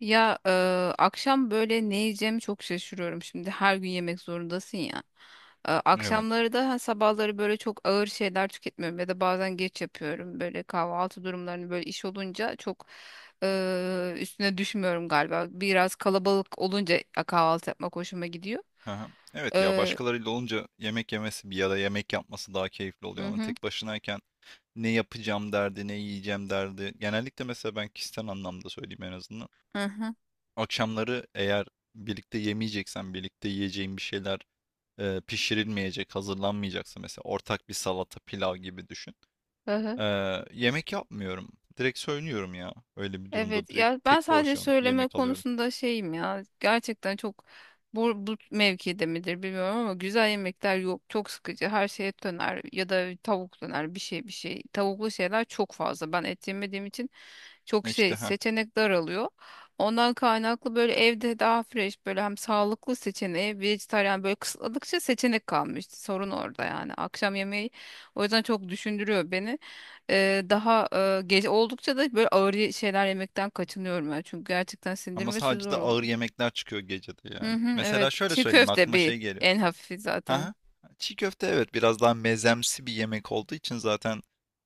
Ya e, Akşam böyle ne yiyeceğimi çok şaşırıyorum. Şimdi her gün yemek zorundasın ya. Evet. Akşamları da ha, sabahları böyle çok ağır şeyler tüketmiyorum ya da bazen geç yapıyorum. Böyle kahvaltı durumlarını böyle iş olunca çok üstüne düşmüyorum galiba. Biraz kalabalık olunca kahvaltı yapmak hoşuma gidiyor. Aha. Evet ya E, başkalarıyla olunca yemek yemesi bir ya da yemek yapması daha keyifli oluyor hı ama hı, tek başınayken ne yapacağım derdi, ne yiyeceğim derdi. Genellikle mesela ben kişisel anlamda söyleyeyim en azından. hı hı, Akşamları eğer birlikte yemeyeceksen, birlikte yiyeceğin bir şeyler pişirilmeyecek, hazırlanmayacaksa mesela ortak bir salata, pilav gibi düşün. hı E, hı. Yemek yapmıyorum. Direkt söylüyorum ya. Öyle bir durumda Evet direkt ya ben tek sadece porsiyonluk bir söyleme yemek alıyorum. konusunda şeyim ya gerçekten çok bu mevkide midir bilmiyorum ama güzel yemekler yok, çok sıkıcı her şey, et döner ya da tavuk döner, bir şey tavuklu şeyler çok fazla, ben et yemediğim için çok E, İşte şey ha seçenek daralıyor. Ondan kaynaklı böyle evde daha fresh, böyle hem sağlıklı seçeneği vejetaryen böyle kısıtladıkça seçenek kalmıştı. Sorun orada yani. Akşam yemeği o yüzden çok düşündürüyor beni. Daha gece oldukça da böyle ağır şeyler yemekten kaçınıyorum ben. Çünkü gerçekten Ama sindirmesi sadece zor de ağır oluyor. yemekler çıkıyor gecede Hı yani. hı, Mesela evet. şöyle Çiğ söyleyeyim köfte aklıma bir şey geliyor. en hafifi zaten. Aha. Çiğ köfte evet biraz daha mezemsi bir yemek olduğu için zaten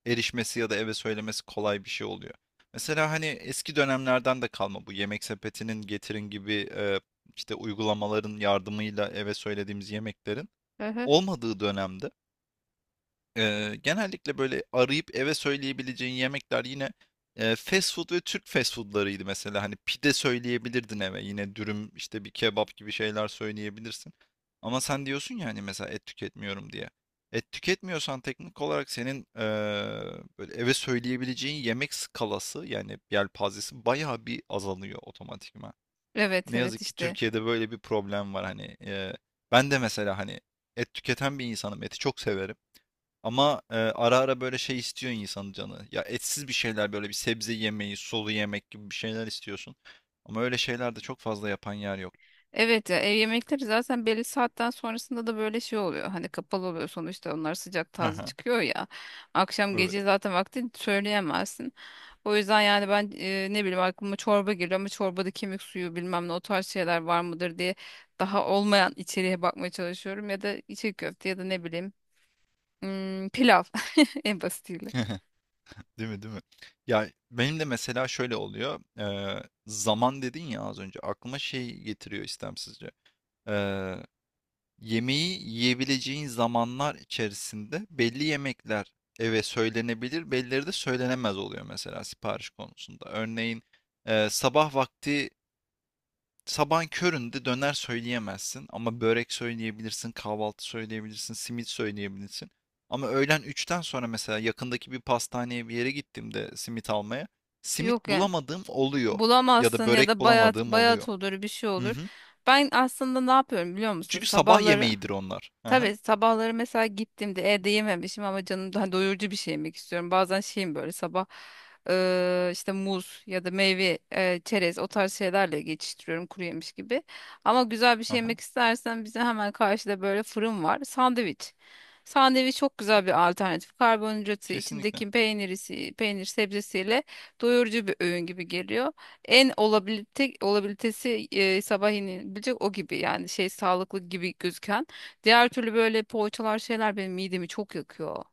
erişmesi ya da eve söylemesi kolay bir şey oluyor. Mesela hani eski dönemlerden de kalma bu yemek sepetinin getirin gibi işte uygulamaların yardımıyla eve söylediğimiz yemeklerin Hı hı. olmadığı dönemde genellikle böyle arayıp eve söyleyebileceğin yemekler yine, fast food ve Türk fast food'larıydı mesela. Hani pide söyleyebilirdin eve. Yine dürüm, işte bir kebap gibi şeyler söyleyebilirsin. Ama sen diyorsun ya hani mesela et tüketmiyorum diye. Et tüketmiyorsan teknik olarak senin, böyle eve söyleyebileceğin yemek skalası yani yelpazesi bayağı bir azalıyor otomatikman. Evet Ne evet yazık ki işte. Türkiye'de böyle bir problem var hani. Ben de mesela hani et tüketen bir insanım. Eti çok severim. Ama ara ara böyle şey istiyor insanın canı. Ya etsiz bir şeyler böyle bir sebze yemeği, sulu yemek gibi bir şeyler istiyorsun. Ama öyle şeyler de çok fazla yapan yer yok. Evet ya, ev yemekleri zaten belli saatten sonrasında da böyle şey oluyor. Hani kapalı oluyor sonuçta, onlar sıcak taze Haha. çıkıyor ya. Akşam Evet. gece zaten vakti söyleyemezsin. O yüzden yani ben ne bileyim aklıma çorba geliyor, ama çorbada kemik suyu bilmem ne o tarz şeyler var mıdır diye daha olmayan içeriğe bakmaya çalışıyorum. Ya da içli köfte, ya da ne bileyim pilav en basitiyle. Değil mi, değil mi? Ya benim de mesela şöyle oluyor. Zaman dedin ya az önce. Aklıma şey getiriyor istemsizce. Eee, Yemeği yiyebileceğin zamanlar içerisinde belli yemekler eve söylenebilir, bellileri de söylenemez oluyor mesela sipariş konusunda. Örneğin sabah vakti sabahın köründe döner söyleyemezsin ama börek söyleyebilirsin, kahvaltı söyleyebilirsin, simit söyleyebilirsin. Ama öğlen üçten sonra mesela yakındaki bir pastaneye bir yere gittiğimde simit almaya, simit Yok yani, bulamadığım oluyor ya da bulamazsın ya börek da bayat bulamadığım oluyor. bayat olur, bir şey Hı olur. hı. Ben aslında ne yapıyorum biliyor musun? Çünkü sabah Sabahları, yemeğidir onlar. Aha, tabii sabahları mesela gittiğimde evde yememişim ama canım daha doyurucu bir şey yemek istiyorum. Bazen şeyim böyle sabah işte muz ya da meyve, çerez, o tarz şeylerle geçiştiriyorum, kuru yemiş gibi. Ama güzel bir şey yemek aha. istersen, bize hemen karşıda böyle fırın var. Sandviç. Sandviç çok güzel bir alternatif. Karbonhidratı, Kesinlikle. içindeki peynirisi, peynir sebzesiyle doyurucu bir öğün gibi geliyor. En olabilite, olabilitesi sabah yenilebilecek o gibi, yani şey, sağlıklı gibi gözüken. Diğer türlü böyle poğaçalar şeyler benim midemi çok yakıyor.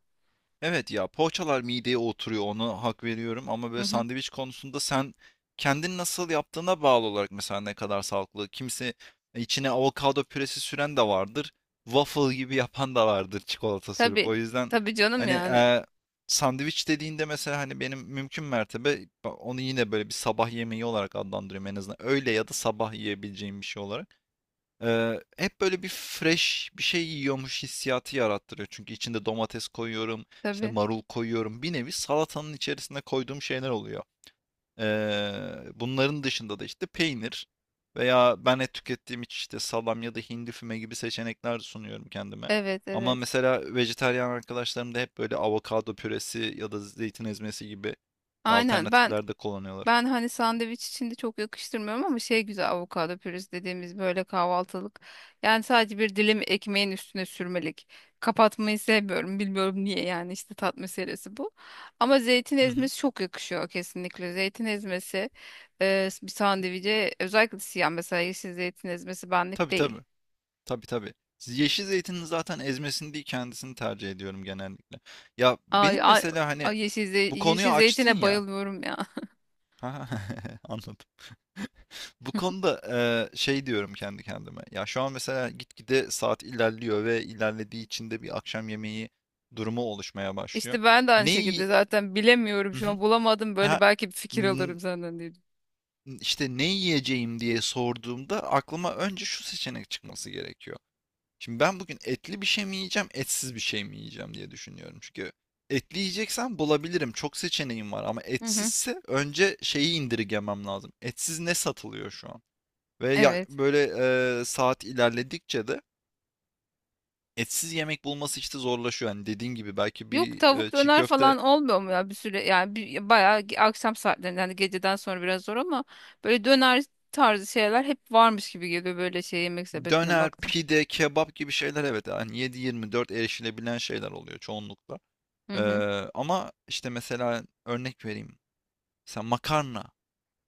Evet ya poğaçalar mideye oturuyor ona hak veriyorum ama Hı böyle hı. sandviç konusunda sen kendin nasıl yaptığına bağlı olarak mesela ne kadar sağlıklı. Kimse içine avokado püresi süren de vardır. Waffle gibi yapan da vardır çikolata sürüp. Tabii. O yüzden Tabii canım hani yani. Sandviç dediğinde mesela hani benim mümkün mertebe onu yine böyle bir sabah yemeği olarak adlandırıyorum en azından. Öğle ya da sabah yiyebileceğim bir şey olarak. Hep böyle bir fresh bir şey yiyormuş hissiyatı yarattırıyor. Çünkü içinde domates koyuyorum, işte Tabii. marul koyuyorum. Bir nevi salatanın içerisine koyduğum şeyler oluyor. Bunların dışında da işte peynir veya ben et tükettiğim için işte salam ya da hindi füme gibi seçenekler sunuyorum kendime. Evet Ama evet. mesela vejetaryen arkadaşlarım da hep böyle avokado püresi ya da zeytin ezmesi gibi Aynen, ben alternatifler de kullanıyorlar. ben hani sandviç içinde çok yakıştırmıyorum, ama şey güzel avokado pürüz dediğimiz böyle kahvaltılık. Yani sadece bir dilim ekmeğin üstüne sürmelik. Kapatmayı sevmiyorum. Bilmiyorum niye, yani işte tat meselesi bu. Ama zeytin Hı hı. ezmesi çok yakışıyor kesinlikle. Zeytin ezmesi bir sandviçe, özellikle siyah, mesela yeşil zeytin ezmesi benlik Tabii tabii. değil. Tabii tabii. Yeşil zeytinin zaten ezmesini değil kendisini tercih ediyorum genellikle. Ya Ay, benim ay, mesela hani ay, yeşil, bu konuyu yeşil açtın zeytine ya. bayılıyorum ya. Ha. Anladım. Bu konuda şey diyorum kendi kendime. Ya şu an mesela gitgide saat ilerliyor ve ilerlediği için de bir akşam yemeği durumu oluşmaya başlıyor. İşte ben de Ne aynı şekilde yi- zaten bilemiyorum Hı şu hı. an, bulamadım böyle, Ha, belki bir fikir n- alırım senden diye. işte ne yiyeceğim diye sorduğumda aklıma önce şu seçenek çıkması gerekiyor. Şimdi ben bugün etli bir şey mi yiyeceğim, etsiz bir şey mi yiyeceğim diye düşünüyorum. Çünkü etli yiyeceksem bulabilirim. Çok seçeneğim var ama Hı hı. etsizse önce şeyi indirgemem lazım. Etsiz ne satılıyor şu an? Ve ya Evet. böyle saat ilerledikçe de etsiz yemek bulması işte zorlaşıyor. Yani dediğin gibi belki Yok, bir tavuk çiğ döner köfte, falan olmuyor mu ya bir süre, yani bir, bayağı akşam saatlerinde, yani geceden sonra biraz zor, ama böyle döner tarzı şeyler hep varmış gibi geliyor, böyle şey yemek sepetine döner, baktım. pide, kebap gibi şeyler evet yani 7/24 erişilebilen şeyler oluyor çoğunlukla. Hı E, hı. Ama işte mesela örnek vereyim. Mesela makarna.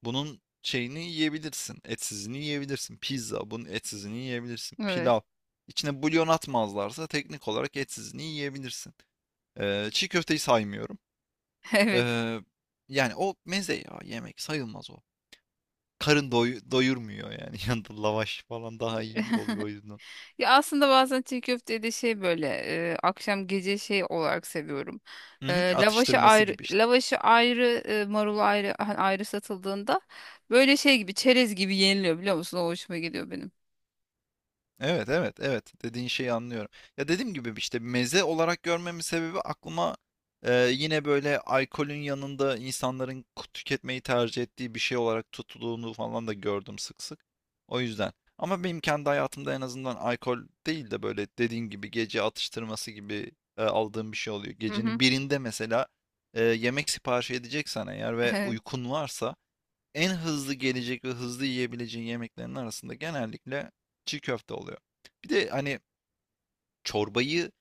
Bunun şeyini yiyebilirsin. Etsizini yiyebilirsin. Pizza bunun etsizini yiyebilirsin. Pilav. Evet. İçine bulyon atmazlarsa teknik olarak etsizini yiyebilirsin. Çiğ köfteyi saymıyorum. Evet. Ee, Yani o meze ya yemek sayılmaz o. Doyurmuyor yani. Yanında lavaş falan daha iyi oluyor o yüzden. Ya aslında bazen çiğ köfteyi de şey böyle akşam gece şey olarak seviyorum. Hı E, hı, lavaşı atıştırması ayrı, gibi işte. lavaşı ayrı, marulu ayrı, hani ayrı satıldığında böyle şey gibi, çerez gibi yeniliyor biliyor musun? O hoşuma gidiyor benim. Evet, evet, evet. Dediğin şeyi anlıyorum. Ya dediğim gibi işte meze olarak görmemin sebebi aklıma yine böyle alkolün yanında insanların tüketmeyi tercih ettiği bir şey olarak tutulduğunu falan da gördüm sık sık. O yüzden. Ama benim kendi hayatımda en azından alkol değil de böyle dediğim gibi gece atıştırması gibi aldığım bir şey oluyor. Hı hı. Gecenin birinde mesela yemek sipariş edeceksen eğer ve Evet, uykun varsa en hızlı gelecek ve hızlı yiyebileceğin yemeklerin arasında genellikle çiğ köfte oluyor. Bir de hani çorbayı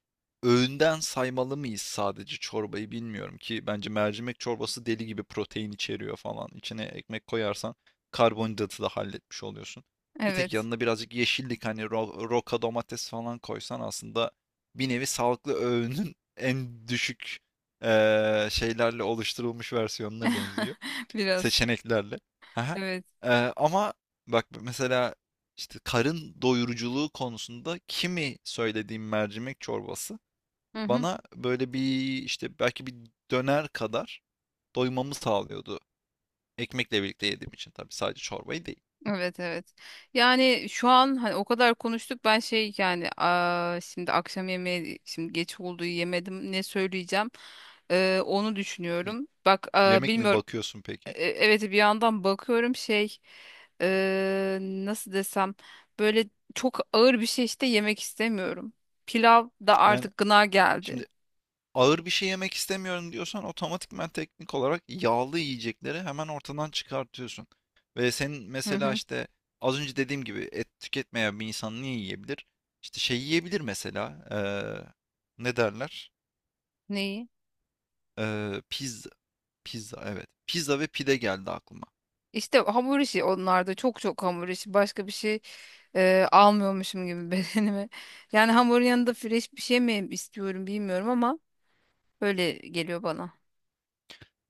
öğünden saymalı mıyız sadece çorbayı bilmiyorum ki bence mercimek çorbası deli gibi protein içeriyor falan. İçine ekmek koyarsan karbonhidratı da halletmiş oluyorsun. Bir tek evet. yanına birazcık yeşillik hani roka domates falan koysan aslında bir nevi sağlıklı öğünün en düşük şeylerle oluşturulmuş versiyonuna benziyor Biraz. seçeneklerle. Haha. Evet. Ama bak mesela işte karın doyuruculuğu konusunda kimi söylediğim mercimek çorbası Hı hı. bana böyle bir işte belki bir döner kadar doymamı sağlıyordu. Ekmekle birlikte yediğim için tabii sadece çorbayı değil. Evet, evet. Yani şu an hani o kadar konuştuk, ben şey yani, aa, şimdi akşam yemeği, şimdi geç olduğu yemedim, ne söyleyeceğim, onu Y- düşünüyorum. Bak aa, Yemek mi bilmiyorum. bakıyorsun peki? Evet bir yandan bakıyorum şey nasıl desem, böyle çok ağır bir şey işte yemek istemiyorum. Pilav da Yani artık gına geldi. şimdi ağır bir şey yemek istemiyorum diyorsan otomatikman teknik olarak yağlı yiyecekleri hemen ortadan çıkartıyorsun. Ve senin Hı mesela hı. işte az önce dediğim gibi et tüketmeyen bir insan ne yiyebilir? İşte şey yiyebilir mesela ne derler? Neyi? Eee, pizza, pizza evet. Pizza ve pide geldi aklıma. İşte hamur işi, onlarda çok çok hamur işi başka bir şey almıyormuşum gibi bedenime. Yani hamurun yanında fresh bir şey mi istiyorum bilmiyorum, ama öyle geliyor bana.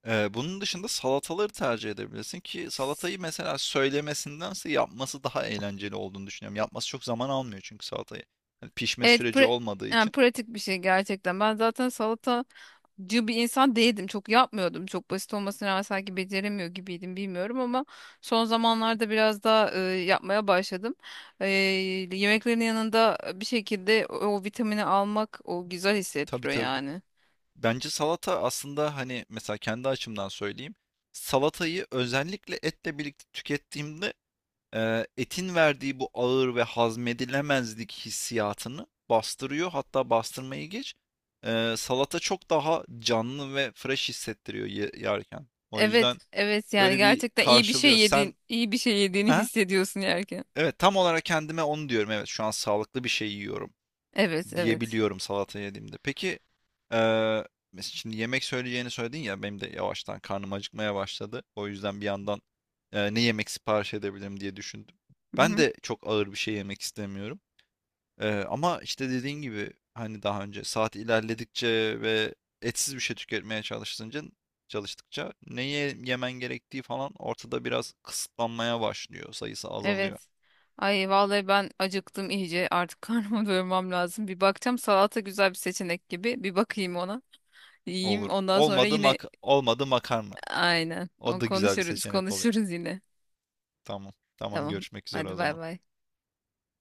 Bunun dışında salataları tercih edebilirsin ki salatayı mesela söylemesindense yapması daha eğlenceli olduğunu düşünüyorum. Yapması çok zaman almıyor çünkü salatayı. Hani pişme Evet, süreci olmadığı yani için. pratik bir şey gerçekten. Ben zaten salata cı bir insan değildim. Çok yapmıyordum. Çok basit olmasına rağmen sanki beceremiyor gibiydim, bilmiyorum, ama son zamanlarda biraz daha yapmaya başladım. E, yemeklerin yanında bir şekilde o vitamini almak, o güzel Tabii hissettiriyor tabii. yani. Bence salata aslında hani mesela kendi açımdan söyleyeyim. Salatayı özellikle etle birlikte tükettiğimde etin verdiği bu ağır ve hazmedilemezlik hissiyatını bastırıyor. Hatta bastırmayı geç. Salata çok daha canlı ve fresh hissettiriyor yerken. O yüzden Evet, evet, yani böyle bir gerçekten iyi bir şey karşılıyor. yedin, Sen iyi bir şey yediğini ha? hissediyorsun yerken. Evet tam olarak kendime onu diyorum. Evet şu an sağlıklı bir şey yiyorum Evet, evet. diyebiliyorum salata yediğimde. Peki eee, şimdi yemek söyleyeceğini söyledin ya benim de yavaştan karnım acıkmaya başladı. O yüzden bir yandan ne yemek sipariş edebilirim diye düşündüm. Hı Ben hı. de çok ağır bir şey yemek istemiyorum. Ama işte dediğin gibi hani daha önce saat ilerledikçe ve etsiz bir şey tüketmeye çalışınca çalıştıkça neye yemen gerektiği falan ortada biraz kısıtlanmaya başlıyor. Sayısı azalıyor. Evet. Ay vallahi ben acıktım iyice. Artık karnımı doyurmam lazım. Bir bakacağım, salata güzel bir seçenek gibi. Bir bakayım ona. Yiyeyim. Olur. Ondan sonra yine Olmadı makarna. aynen. O O, da güzel bir konuşuruz, seçenek oluyor. konuşuruz yine. Tamam. Tamam Tamam. görüşmek üzere Hadi o bay zaman. bay.